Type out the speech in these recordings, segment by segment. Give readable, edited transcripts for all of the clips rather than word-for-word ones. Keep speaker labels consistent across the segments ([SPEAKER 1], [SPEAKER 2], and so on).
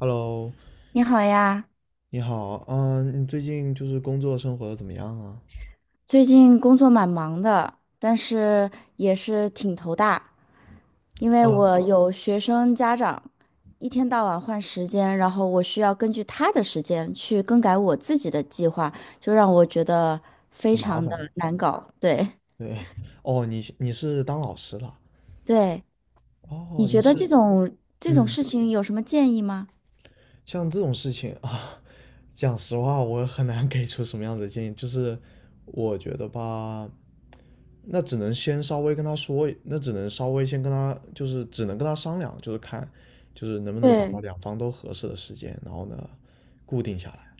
[SPEAKER 1] Hello，
[SPEAKER 2] 你好呀，
[SPEAKER 1] 你好，你最近就是工作生活的怎么样啊？
[SPEAKER 2] 最近工作蛮忙的，但是也是挺头大，因为我
[SPEAKER 1] 嗯，
[SPEAKER 2] 有学生家长，一天到晚换时间，然后我需要根据他的时间去更改我自己的计划，就让我觉得非
[SPEAKER 1] 很麻
[SPEAKER 2] 常的
[SPEAKER 1] 烦。
[SPEAKER 2] 难搞。对
[SPEAKER 1] 对，哦，你是当老师的？
[SPEAKER 2] 对，
[SPEAKER 1] 哦，
[SPEAKER 2] 你
[SPEAKER 1] 你
[SPEAKER 2] 觉得这
[SPEAKER 1] 是，
[SPEAKER 2] 种这种
[SPEAKER 1] 嗯，
[SPEAKER 2] 事情有什么建议吗？
[SPEAKER 1] 像这种事情啊，讲实话，我很难给出什么样子的建议。就是我觉得吧，那只能先稍微跟他说，那只能稍微先跟他，就是只能跟他商量，就是看，就是能不能找到
[SPEAKER 2] 对，
[SPEAKER 1] 两方都合适的时间，然后呢，固定下来。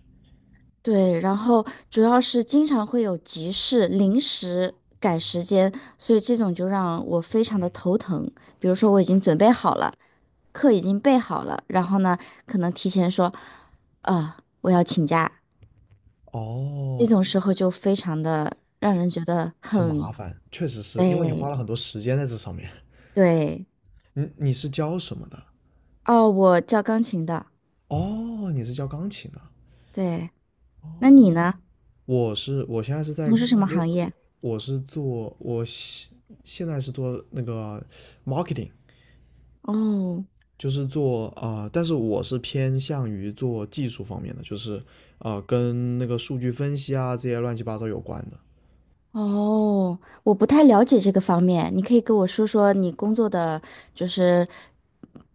[SPEAKER 2] 对，然后主要是经常会有急事，临时改时间，所以这种就让我非常的头疼。比如说我已经准备好了，课已经备好了，然后呢，可能提前说，我要请假，这
[SPEAKER 1] 哦，
[SPEAKER 2] 种时候就非常的让人觉得
[SPEAKER 1] 很
[SPEAKER 2] 很，
[SPEAKER 1] 麻烦，确实是因为你花
[SPEAKER 2] 对，
[SPEAKER 1] 了很多时间在这上面。
[SPEAKER 2] 对，
[SPEAKER 1] 你是教什么的？
[SPEAKER 2] 哦，我教钢琴的，
[SPEAKER 1] 哦，你是教钢琴的。
[SPEAKER 2] 对，那
[SPEAKER 1] 哦，
[SPEAKER 2] 你呢？
[SPEAKER 1] 我现在是在，
[SPEAKER 2] 从事什么
[SPEAKER 1] 因为
[SPEAKER 2] 行业？
[SPEAKER 1] 我是做我现现在是做那个 marketing，
[SPEAKER 2] 哦。
[SPEAKER 1] 就是做但是我是偏向于做技术方面的，就是跟那个数据分析啊这些乱七八糟有关的。
[SPEAKER 2] 哦，我不太了解这个方面，你可以跟我说说你工作的，就是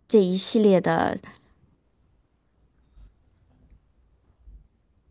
[SPEAKER 2] 这一系列的。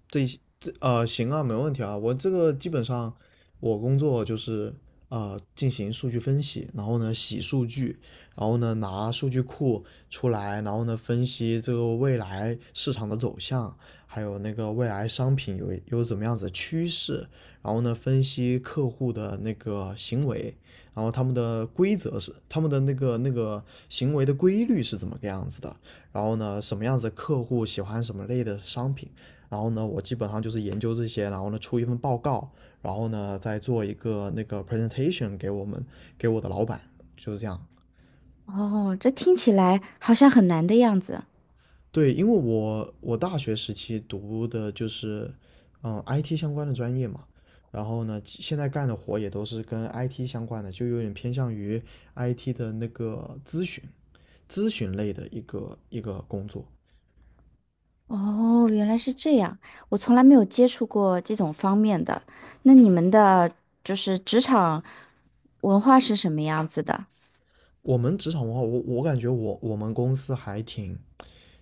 [SPEAKER 1] 这这行啊，没问题啊。我这个基本上我工作就是进行数据分析，然后呢洗数据，然后呢拿数据库出来，然后呢分析这个未来市场的走向，还有那个未来商品有怎么样子的趋势，然后呢分析客户的那个行为。然后他们的规则是他们的那个行为的规律是怎么个样子的，然后呢，什么样子的客户喜欢什么类的商品，然后呢，我基本上就是研究这些，然后呢出一份报告，然后呢再做一个那个 presentation 给我的老板，就是这样。
[SPEAKER 2] 哦，这听起来好像很难的样子。
[SPEAKER 1] 对，因为我大学时期读的就是IT 相关的专业嘛，然后呢现在干的活也都是跟 IT 相关的，就有点偏向于 IT 的那个咨询类的一个工作。
[SPEAKER 2] 哦，原来是这样，我从来没有接触过这种方面的。那你们的就是职场文化是什么样子的？
[SPEAKER 1] 我们职场文化，我感觉我们公司还挺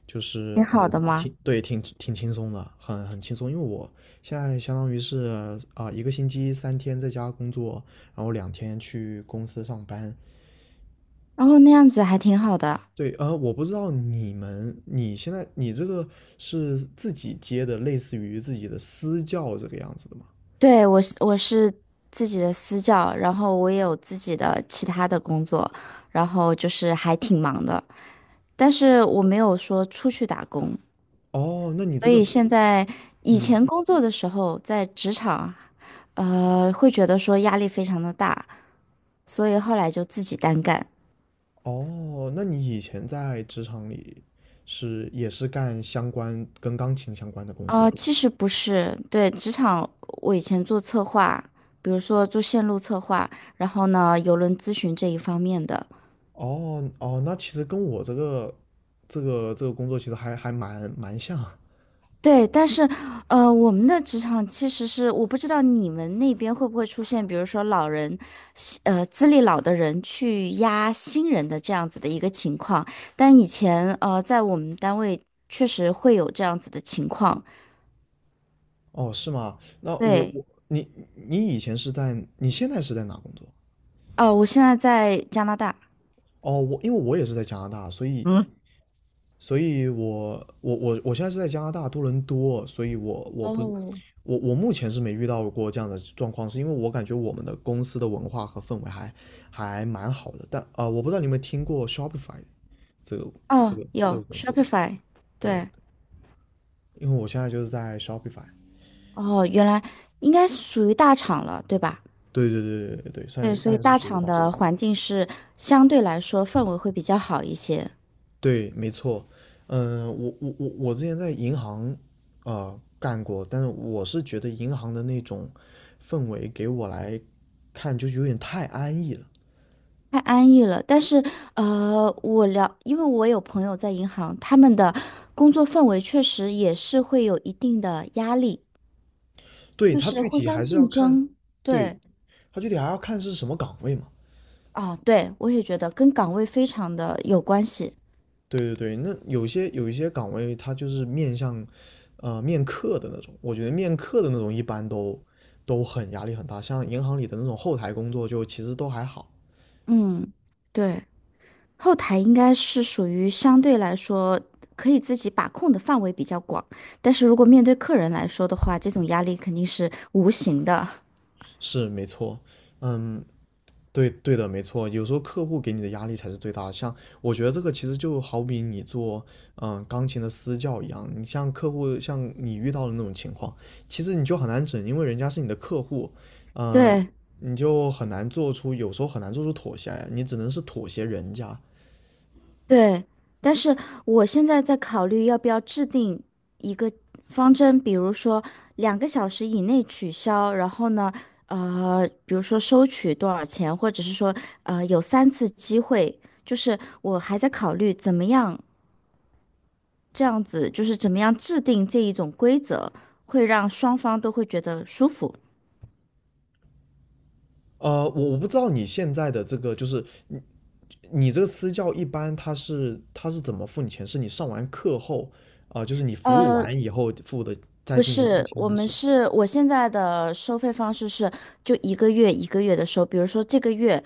[SPEAKER 1] 就是
[SPEAKER 2] 挺好
[SPEAKER 1] 哦，
[SPEAKER 2] 的吗？
[SPEAKER 1] 挺对，挺轻松的，很轻松。因为我现在相当于是一个星期三天在家工作，然后两天去公司上班。
[SPEAKER 2] 然后那样子还挺好的。
[SPEAKER 1] 对，我不知道你们，你现在你这个是自己接的，类似于自己的私教这个样子的吗？
[SPEAKER 2] 对，我是自己的私教，然后我也有自己的其他的工作，然后就是还挺忙的。但是我没有说出去打工，
[SPEAKER 1] 哦，那你这
[SPEAKER 2] 所
[SPEAKER 1] 个，
[SPEAKER 2] 以现在以
[SPEAKER 1] 嗯，
[SPEAKER 2] 前工作的时候在职场，会觉得说压力非常的大，所以后来就自己单干。
[SPEAKER 1] 哦，那你以前在职场里是也是干相关跟钢琴相关的工作？
[SPEAKER 2] 其实不是，对，职场我以前做策划，比如说做线路策划，然后呢，邮轮咨询这一方面的，
[SPEAKER 1] 哦哦，那其实跟我这个工作其实还蛮像。
[SPEAKER 2] 对，但是，我们的职场其实是我不知道你们那边会不会出现，比如说老人，资历老的人去压新人的这样子的一个情况。但以前，在我们单位确实会有这样子的情况。
[SPEAKER 1] 哦，是吗？那我
[SPEAKER 2] 对，
[SPEAKER 1] 我你现在是在哪工作？
[SPEAKER 2] 哦、我现在在加拿大。
[SPEAKER 1] 哦，我因为我也是在加拿大，所以
[SPEAKER 2] 嗯，
[SPEAKER 1] 所以我现在是在加拿大多伦多，所以我我不
[SPEAKER 2] 哦，
[SPEAKER 1] 我我目前是没遇到过这样的状况，是因为我感觉我们的公司的文化和氛围还蛮好的。但我不知道你有没有听过 Shopify 这个这
[SPEAKER 2] 哦，
[SPEAKER 1] 个这
[SPEAKER 2] 有
[SPEAKER 1] 个公司？
[SPEAKER 2] Shopify，
[SPEAKER 1] 对。
[SPEAKER 2] 对，
[SPEAKER 1] 因为我现在就是在 Shopify，
[SPEAKER 2] 哦，原来应该属于大厂了，对吧？
[SPEAKER 1] 对对对对对对，算
[SPEAKER 2] 对，所以
[SPEAKER 1] 算是
[SPEAKER 2] 大
[SPEAKER 1] 属于
[SPEAKER 2] 厂
[SPEAKER 1] 大厂。
[SPEAKER 2] 的环境是相对来说氛围会比较好一些。
[SPEAKER 1] 对，没错，我之前在银行干过，但是我是觉得银行的那种氛围给我来看就有点太安逸了。
[SPEAKER 2] 太安逸了，但是因为我有朋友在银行，他们的工作氛围确实也是会有一定的压力，
[SPEAKER 1] 对，
[SPEAKER 2] 就
[SPEAKER 1] 它
[SPEAKER 2] 是
[SPEAKER 1] 具
[SPEAKER 2] 互
[SPEAKER 1] 体
[SPEAKER 2] 相
[SPEAKER 1] 还是要
[SPEAKER 2] 竞
[SPEAKER 1] 看，
[SPEAKER 2] 争。
[SPEAKER 1] 对，
[SPEAKER 2] 对，
[SPEAKER 1] 它具体还要看是什么岗位嘛。
[SPEAKER 2] 啊，对，我也觉得跟岗位非常的有关系。
[SPEAKER 1] 对对对，那有一些岗位，它就是面向，面客的那种。我觉得面客的那种一般都很压力很大，像银行里的那种后台工作，就其实都还好。
[SPEAKER 2] 嗯，对，后台应该是属于相对来说可以自己把控的范围比较广，但是如果面对客人来说的话，这种压力肯定是无形的。
[SPEAKER 1] 是没错，嗯，对对的，没错。有时候客户给你的压力才是最大的。像我觉得这个其实就好比你做钢琴的私教一样，你像客户像你遇到的那种情况，其实你就很难整，因为人家是你的客户，呃，
[SPEAKER 2] 对。
[SPEAKER 1] 你就很难做出有时候很难做出妥协来，你只能是妥协人家。
[SPEAKER 2] 对，但是我现在在考虑要不要制定一个方针，比如说2个小时以内取消，然后呢，比如说收取多少钱，或者是说，有三次机会，就是我还在考虑怎么样这样子，就是怎么样制定这一种规则，会让双方都会觉得舒服。
[SPEAKER 1] 我不知道你现在的这个就是你你这个私教一般他是怎么付你钱？是你上完课后就是你服务
[SPEAKER 2] 呃，
[SPEAKER 1] 完以后付的再
[SPEAKER 2] 不
[SPEAKER 1] 进一步
[SPEAKER 2] 是，
[SPEAKER 1] 钱
[SPEAKER 2] 我
[SPEAKER 1] 还
[SPEAKER 2] 们
[SPEAKER 1] 是？
[SPEAKER 2] 是我现在的收费方式是就一个月一个月的收，比如说这个月，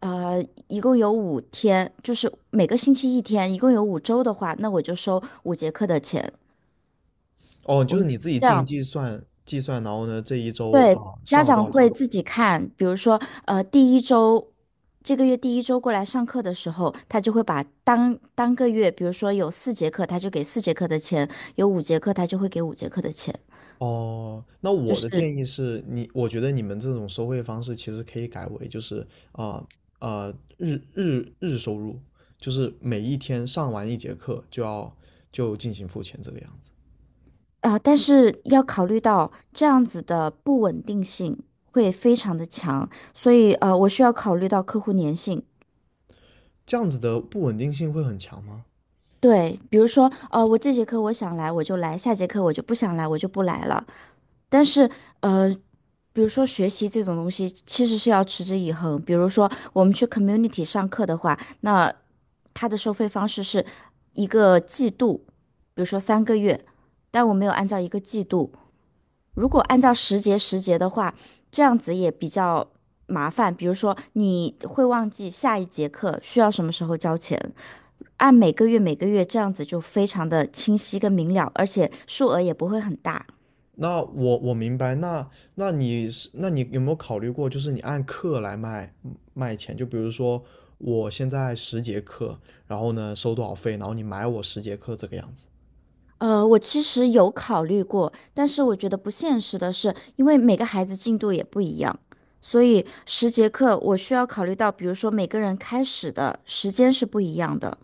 [SPEAKER 2] 呃，一共有5天，就是每个星期一天，一共有5周的话，那我就收五节课的钱。
[SPEAKER 1] 哦，
[SPEAKER 2] 我
[SPEAKER 1] 就是
[SPEAKER 2] 们
[SPEAKER 1] 你自己
[SPEAKER 2] 这
[SPEAKER 1] 进行
[SPEAKER 2] 样，
[SPEAKER 1] 计算计算，然后呢，这一周
[SPEAKER 2] 对，
[SPEAKER 1] 啊
[SPEAKER 2] 家
[SPEAKER 1] 上了多
[SPEAKER 2] 长
[SPEAKER 1] 少节课
[SPEAKER 2] 会自己看，比如说，第一周，这个月第一周过来上课的时候，他就会把当个月，比如说有四节课，他就给四节课的钱；有五节课，他就会给五节课的钱。
[SPEAKER 1] 哦，那
[SPEAKER 2] 就
[SPEAKER 1] 我的
[SPEAKER 2] 是。
[SPEAKER 1] 建议是你，我觉得你们这种收费方式其实可以改为就是啊啊、日收入，就是每一天上完一节课就进行付钱这个样子，
[SPEAKER 2] 但是要考虑到这样子的不稳定性会非常的强，所以我需要考虑到客户粘性。
[SPEAKER 1] 这样子的不稳定性会很强吗？
[SPEAKER 2] 对，比如说我这节课我想来我就来，下节课我就不想来我就不来了。但是呃，比如说学习这种东西其实是要持之以恒。比如说我们去 community 上课的话，那它的收费方式是一个季度，比如说3个月，但我没有按照一个季度。如果按照时节的话，这样子也比较麻烦。比如说，你会忘记下一节课需要什么时候交钱，按每个月每个月这样子就非常的清晰跟明了，而且数额也不会很大。
[SPEAKER 1] 那我明白，那那你是那你有没有考虑过，就是你按课来卖钱？就比如说我现在十节课，然后呢收多少费，然后你买我十节课这个样子。
[SPEAKER 2] 我其实有考虑过，但是我觉得不现实的是，因为每个孩子进度也不一样，所以十节课我需要考虑到，比如说每个人开始的时间是不一样的，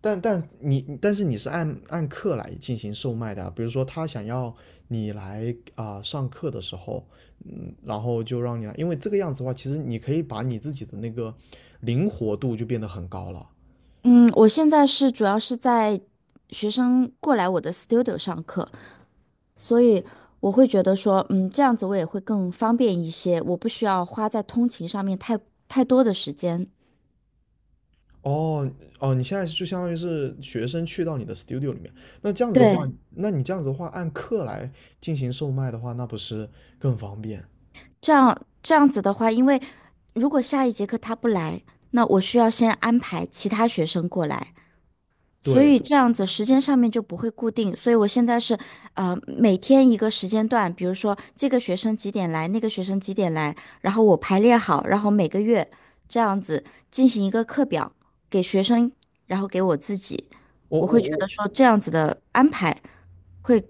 [SPEAKER 1] 但是你是按课来进行售卖的啊比如说他想要你来上课的时候，然后就让你来，因为这个样子的话，其实你可以把你自己的那个灵活度就变得很高了。
[SPEAKER 2] 嗯，我现在是主要是在学生过来我的 studio 上课，所以我会觉得说，这样子我也会更方便一些，我不需要花在通勤上面太多的时间。
[SPEAKER 1] 哦哦，你现在就相当于是学生去到你的 studio 里面，那这样子的话，
[SPEAKER 2] 对，
[SPEAKER 1] 那你这样子的话，按课来进行售卖的话，那不是更方便？
[SPEAKER 2] 这样子的话，因为如果下一节课他不来，那我需要先安排其他学生过来，所
[SPEAKER 1] 对，
[SPEAKER 2] 以这样子时间上面就不会固定，所以我现在是，每天一个时间段，比如说这个学生几点来，那个学生几点来，然后我排列好，然后每个月这样子进行一个课表给学生，然后给我自己，
[SPEAKER 1] 我
[SPEAKER 2] 我会
[SPEAKER 1] 我
[SPEAKER 2] 觉
[SPEAKER 1] 我
[SPEAKER 2] 得说这样子的安排会，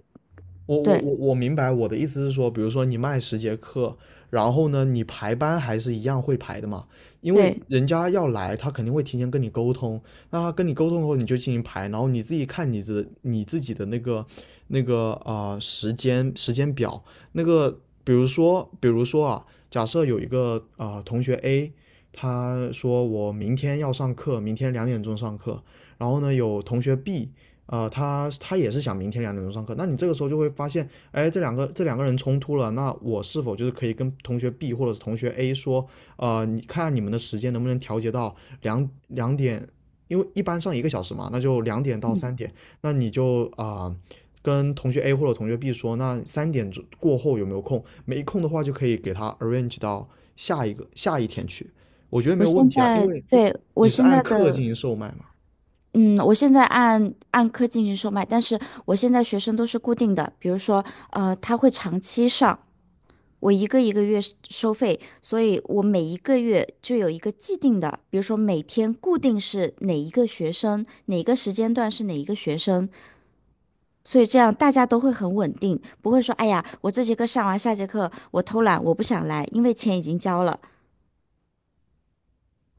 [SPEAKER 1] 我我
[SPEAKER 2] 对
[SPEAKER 1] 我我明白我的意思是说，比如说你卖十节课，然后呢，你排班还是一样会排的嘛，因为
[SPEAKER 2] 对，
[SPEAKER 1] 人家要来，他肯定会提前跟你沟通，那他跟你沟通后你就进行排，然后你自己看你自己的那个时间表，那个比如说啊，假设有一个同学 A，他说我明天要上课，明天两点钟上课，然后呢有同学 B。他也是想明天两点钟上课，那你这个时候就会发现，哎，这两个人冲突了，那我是否就是可以跟同学 B 或者是同学 A 说，你看你们的时间能不能调节到两点，因为一般上一个小时嘛，那就两点到三点，那你就跟同学 A 或者同学 B 说，那三点之过后有没有空？没空的话就可以给他 arrange 到下一天去，我觉得没有问题啊，因为
[SPEAKER 2] 我
[SPEAKER 1] 你是
[SPEAKER 2] 现
[SPEAKER 1] 按
[SPEAKER 2] 在
[SPEAKER 1] 课进
[SPEAKER 2] 的。
[SPEAKER 1] 行售卖嘛。
[SPEAKER 2] 嗯，我现在按课进行售卖，但是我现在学生都是固定的，比如说，他会长期上，我一个一个月收费，所以我每一个月就有一个既定的，比如说每天固定是哪一个学生，哪个时间段是哪一个学生，所以这样大家都会很稳定，不会说哎呀，我这节课上完，下节课我偷懒，我不想来，因为钱已经交了。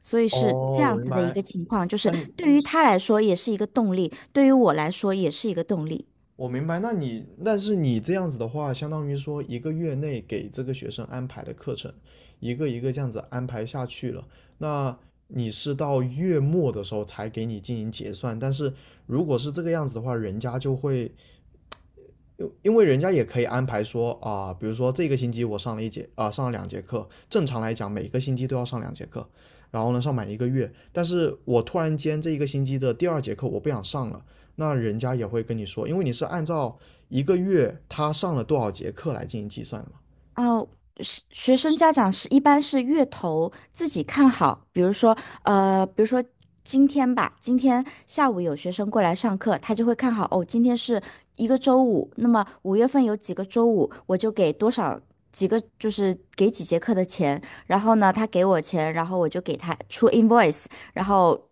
[SPEAKER 2] 所以是这
[SPEAKER 1] 哦，我
[SPEAKER 2] 样
[SPEAKER 1] 明
[SPEAKER 2] 子的一
[SPEAKER 1] 白。
[SPEAKER 2] 个情况，就是
[SPEAKER 1] 那你
[SPEAKER 2] 对于他来说也是一个动力，对于我来说也是一个动力。
[SPEAKER 1] 我明白，那你，但是你这样子的话，相当于说一个月内给这个学生安排的课程，一个一个这样子安排下去了，那你是到月末的时候才给你进行结算，但是如果是这个样子的话，人家就会因为人家也可以安排说比如说这个星期我上了一节上了两节课，正常来讲每个星期都要上两节课，然后呢上满一个月。但是我突然间这一个星期的第二节课我不想上了，那人家也会跟你说，因为你是按照一个月他上了多少节课来进行计算的嘛。
[SPEAKER 2] 哦，是学生家长是一般是月头自己看好，比如说，呃，比如说今天吧，今天下午有学生过来上课，他就会看好，哦，今天是一个周五，那么5月份有几个周五，我就给多少几个，就是给几节课的钱，然后呢，他给我钱，然后我就给他出 invoice，然后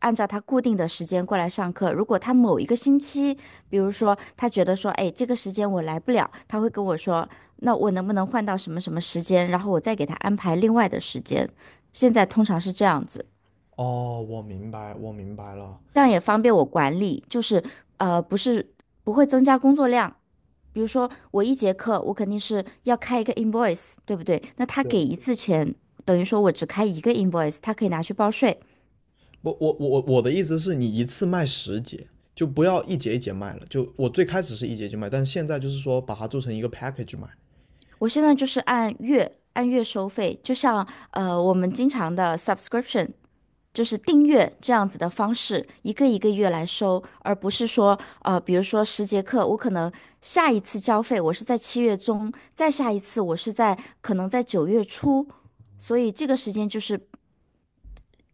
[SPEAKER 2] 按照他固定的时间过来上课。如果他某一个星期，比如说他觉得说，哎，这个时间我来不了，他会跟我说，那我能不能换到什么什么时间，然后我再给他安排另外的时间。现在通常是这样子，
[SPEAKER 1] 哦，我明白，我明白了。
[SPEAKER 2] 这样也方便我管理，就是不是不会增加工作量。比如说我一节课，我肯定是要开一个 invoice，对不对？那他给
[SPEAKER 1] 对，
[SPEAKER 2] 一次钱，等于说我只开一个 invoice，他可以拿去报税。
[SPEAKER 1] 不我的意思是你一次卖十节，就不要一节一节卖了。就我最开始是一节一节卖，但是现在就是说把它做成一个 package 卖。
[SPEAKER 2] 我现在就是按月按月收费，就像我们经常的 subscription，就是订阅这样子的方式，一个一个月来收，而不是说比如说十节课，我可能下一次交费我是在7月中，再下一次我是在可能在9月初，所以这个时间就是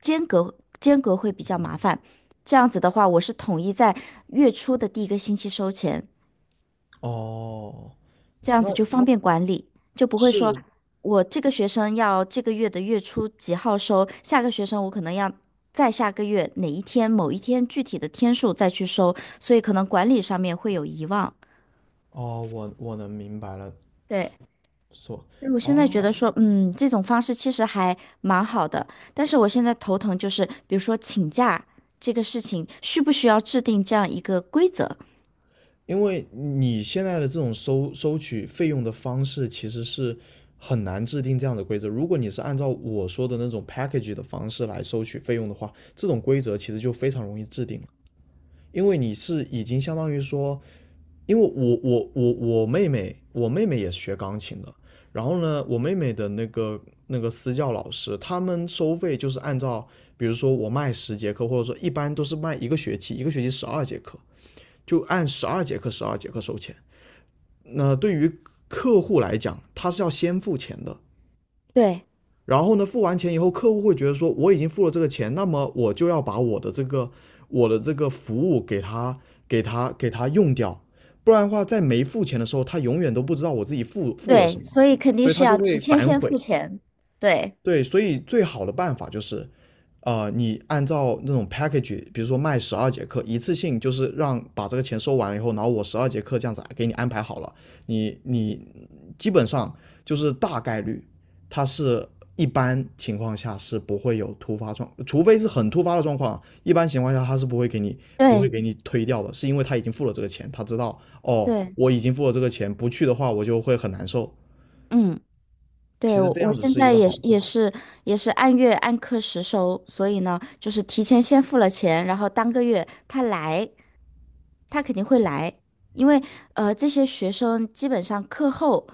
[SPEAKER 2] 间隔会比较麻烦。这样子的话，我是统一在月初的第一个星期收钱，
[SPEAKER 1] 哦，
[SPEAKER 2] 这样
[SPEAKER 1] 那
[SPEAKER 2] 子就方便管理，就不会说
[SPEAKER 1] 是
[SPEAKER 2] 我这个学生要这个月的月初几号收，下个学生我可能要再下个月哪一天某一天具体的天数再去收，所以可能管理上面会有遗忘。
[SPEAKER 1] 哦，我能明白了，
[SPEAKER 2] 对，
[SPEAKER 1] 所
[SPEAKER 2] 所以我现在
[SPEAKER 1] 哦，
[SPEAKER 2] 觉得说，这种方式其实还蛮好的，但是我现在头疼就是，比如说请假这个事情，需不需要制定这样一个规则？
[SPEAKER 1] 因为你现在的这种收取费用的方式其实是很难制定这样的规则。如果你是按照我说的那种 package 的方式来收取费用的话，这种规则其实就非常容易制定了，因为你是已经相当于说因为我妹妹，我妹妹也是学钢琴的。然后呢，我妹妹的那个私教老师，他们收费就是按照，比如说我卖十节课，或者说一般都是卖一个学期，一个学期十二节课，就按十二节课收钱。那对于客户来讲，他是要先付钱的，
[SPEAKER 2] 对
[SPEAKER 1] 然后呢，付完钱以后，客户会觉得说我已经付了这个钱，那么我就要把我的这个服务给他用掉，不然的话，在没付钱的时候，他永远都不知道我自己付了什
[SPEAKER 2] 对，
[SPEAKER 1] 么，
[SPEAKER 2] 所以肯定
[SPEAKER 1] 所以
[SPEAKER 2] 是
[SPEAKER 1] 他就
[SPEAKER 2] 要提
[SPEAKER 1] 会
[SPEAKER 2] 前
[SPEAKER 1] 反
[SPEAKER 2] 先付
[SPEAKER 1] 悔。
[SPEAKER 2] 钱。对
[SPEAKER 1] 对，所以最好的办法就是，你按照那种 package，比如说卖十二节课，一次性就是让把这个钱收完了以后，然后我十二节课这样子给你安排好了，你基本上就是大概率，它是一般情况下是不会有突发状，除非是很突发的状况，一般情况下他是不会
[SPEAKER 2] 对
[SPEAKER 1] 给你推掉的，是因为他已经付了这个钱，他知道哦，
[SPEAKER 2] 对，
[SPEAKER 1] 我已经付了这个钱，不去的话我就会很难受。
[SPEAKER 2] 嗯。对，
[SPEAKER 1] 其实
[SPEAKER 2] 我
[SPEAKER 1] 这
[SPEAKER 2] 我
[SPEAKER 1] 样子
[SPEAKER 2] 现
[SPEAKER 1] 是一
[SPEAKER 2] 在
[SPEAKER 1] 个
[SPEAKER 2] 也
[SPEAKER 1] 好。
[SPEAKER 2] 是也是也是按月按课时收，所以呢，就是提前先付了钱，然后当个月他来，他肯定会来，因为这些学生基本上课后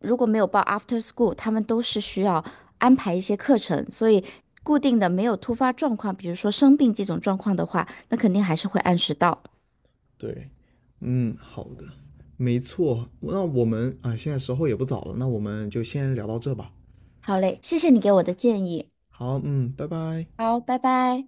[SPEAKER 2] 如果没有报 after school，他们都是需要安排一些课程，所以固定的没有突发状况，比如说生病这种状况的话，那肯定还是会按时到。
[SPEAKER 1] 对，嗯，好的，没错。那我们啊，现在时候也不早了，那我们就先聊到这吧。
[SPEAKER 2] 好嘞，谢谢你给我的建议，
[SPEAKER 1] 好，嗯，拜拜。
[SPEAKER 2] 好，拜拜。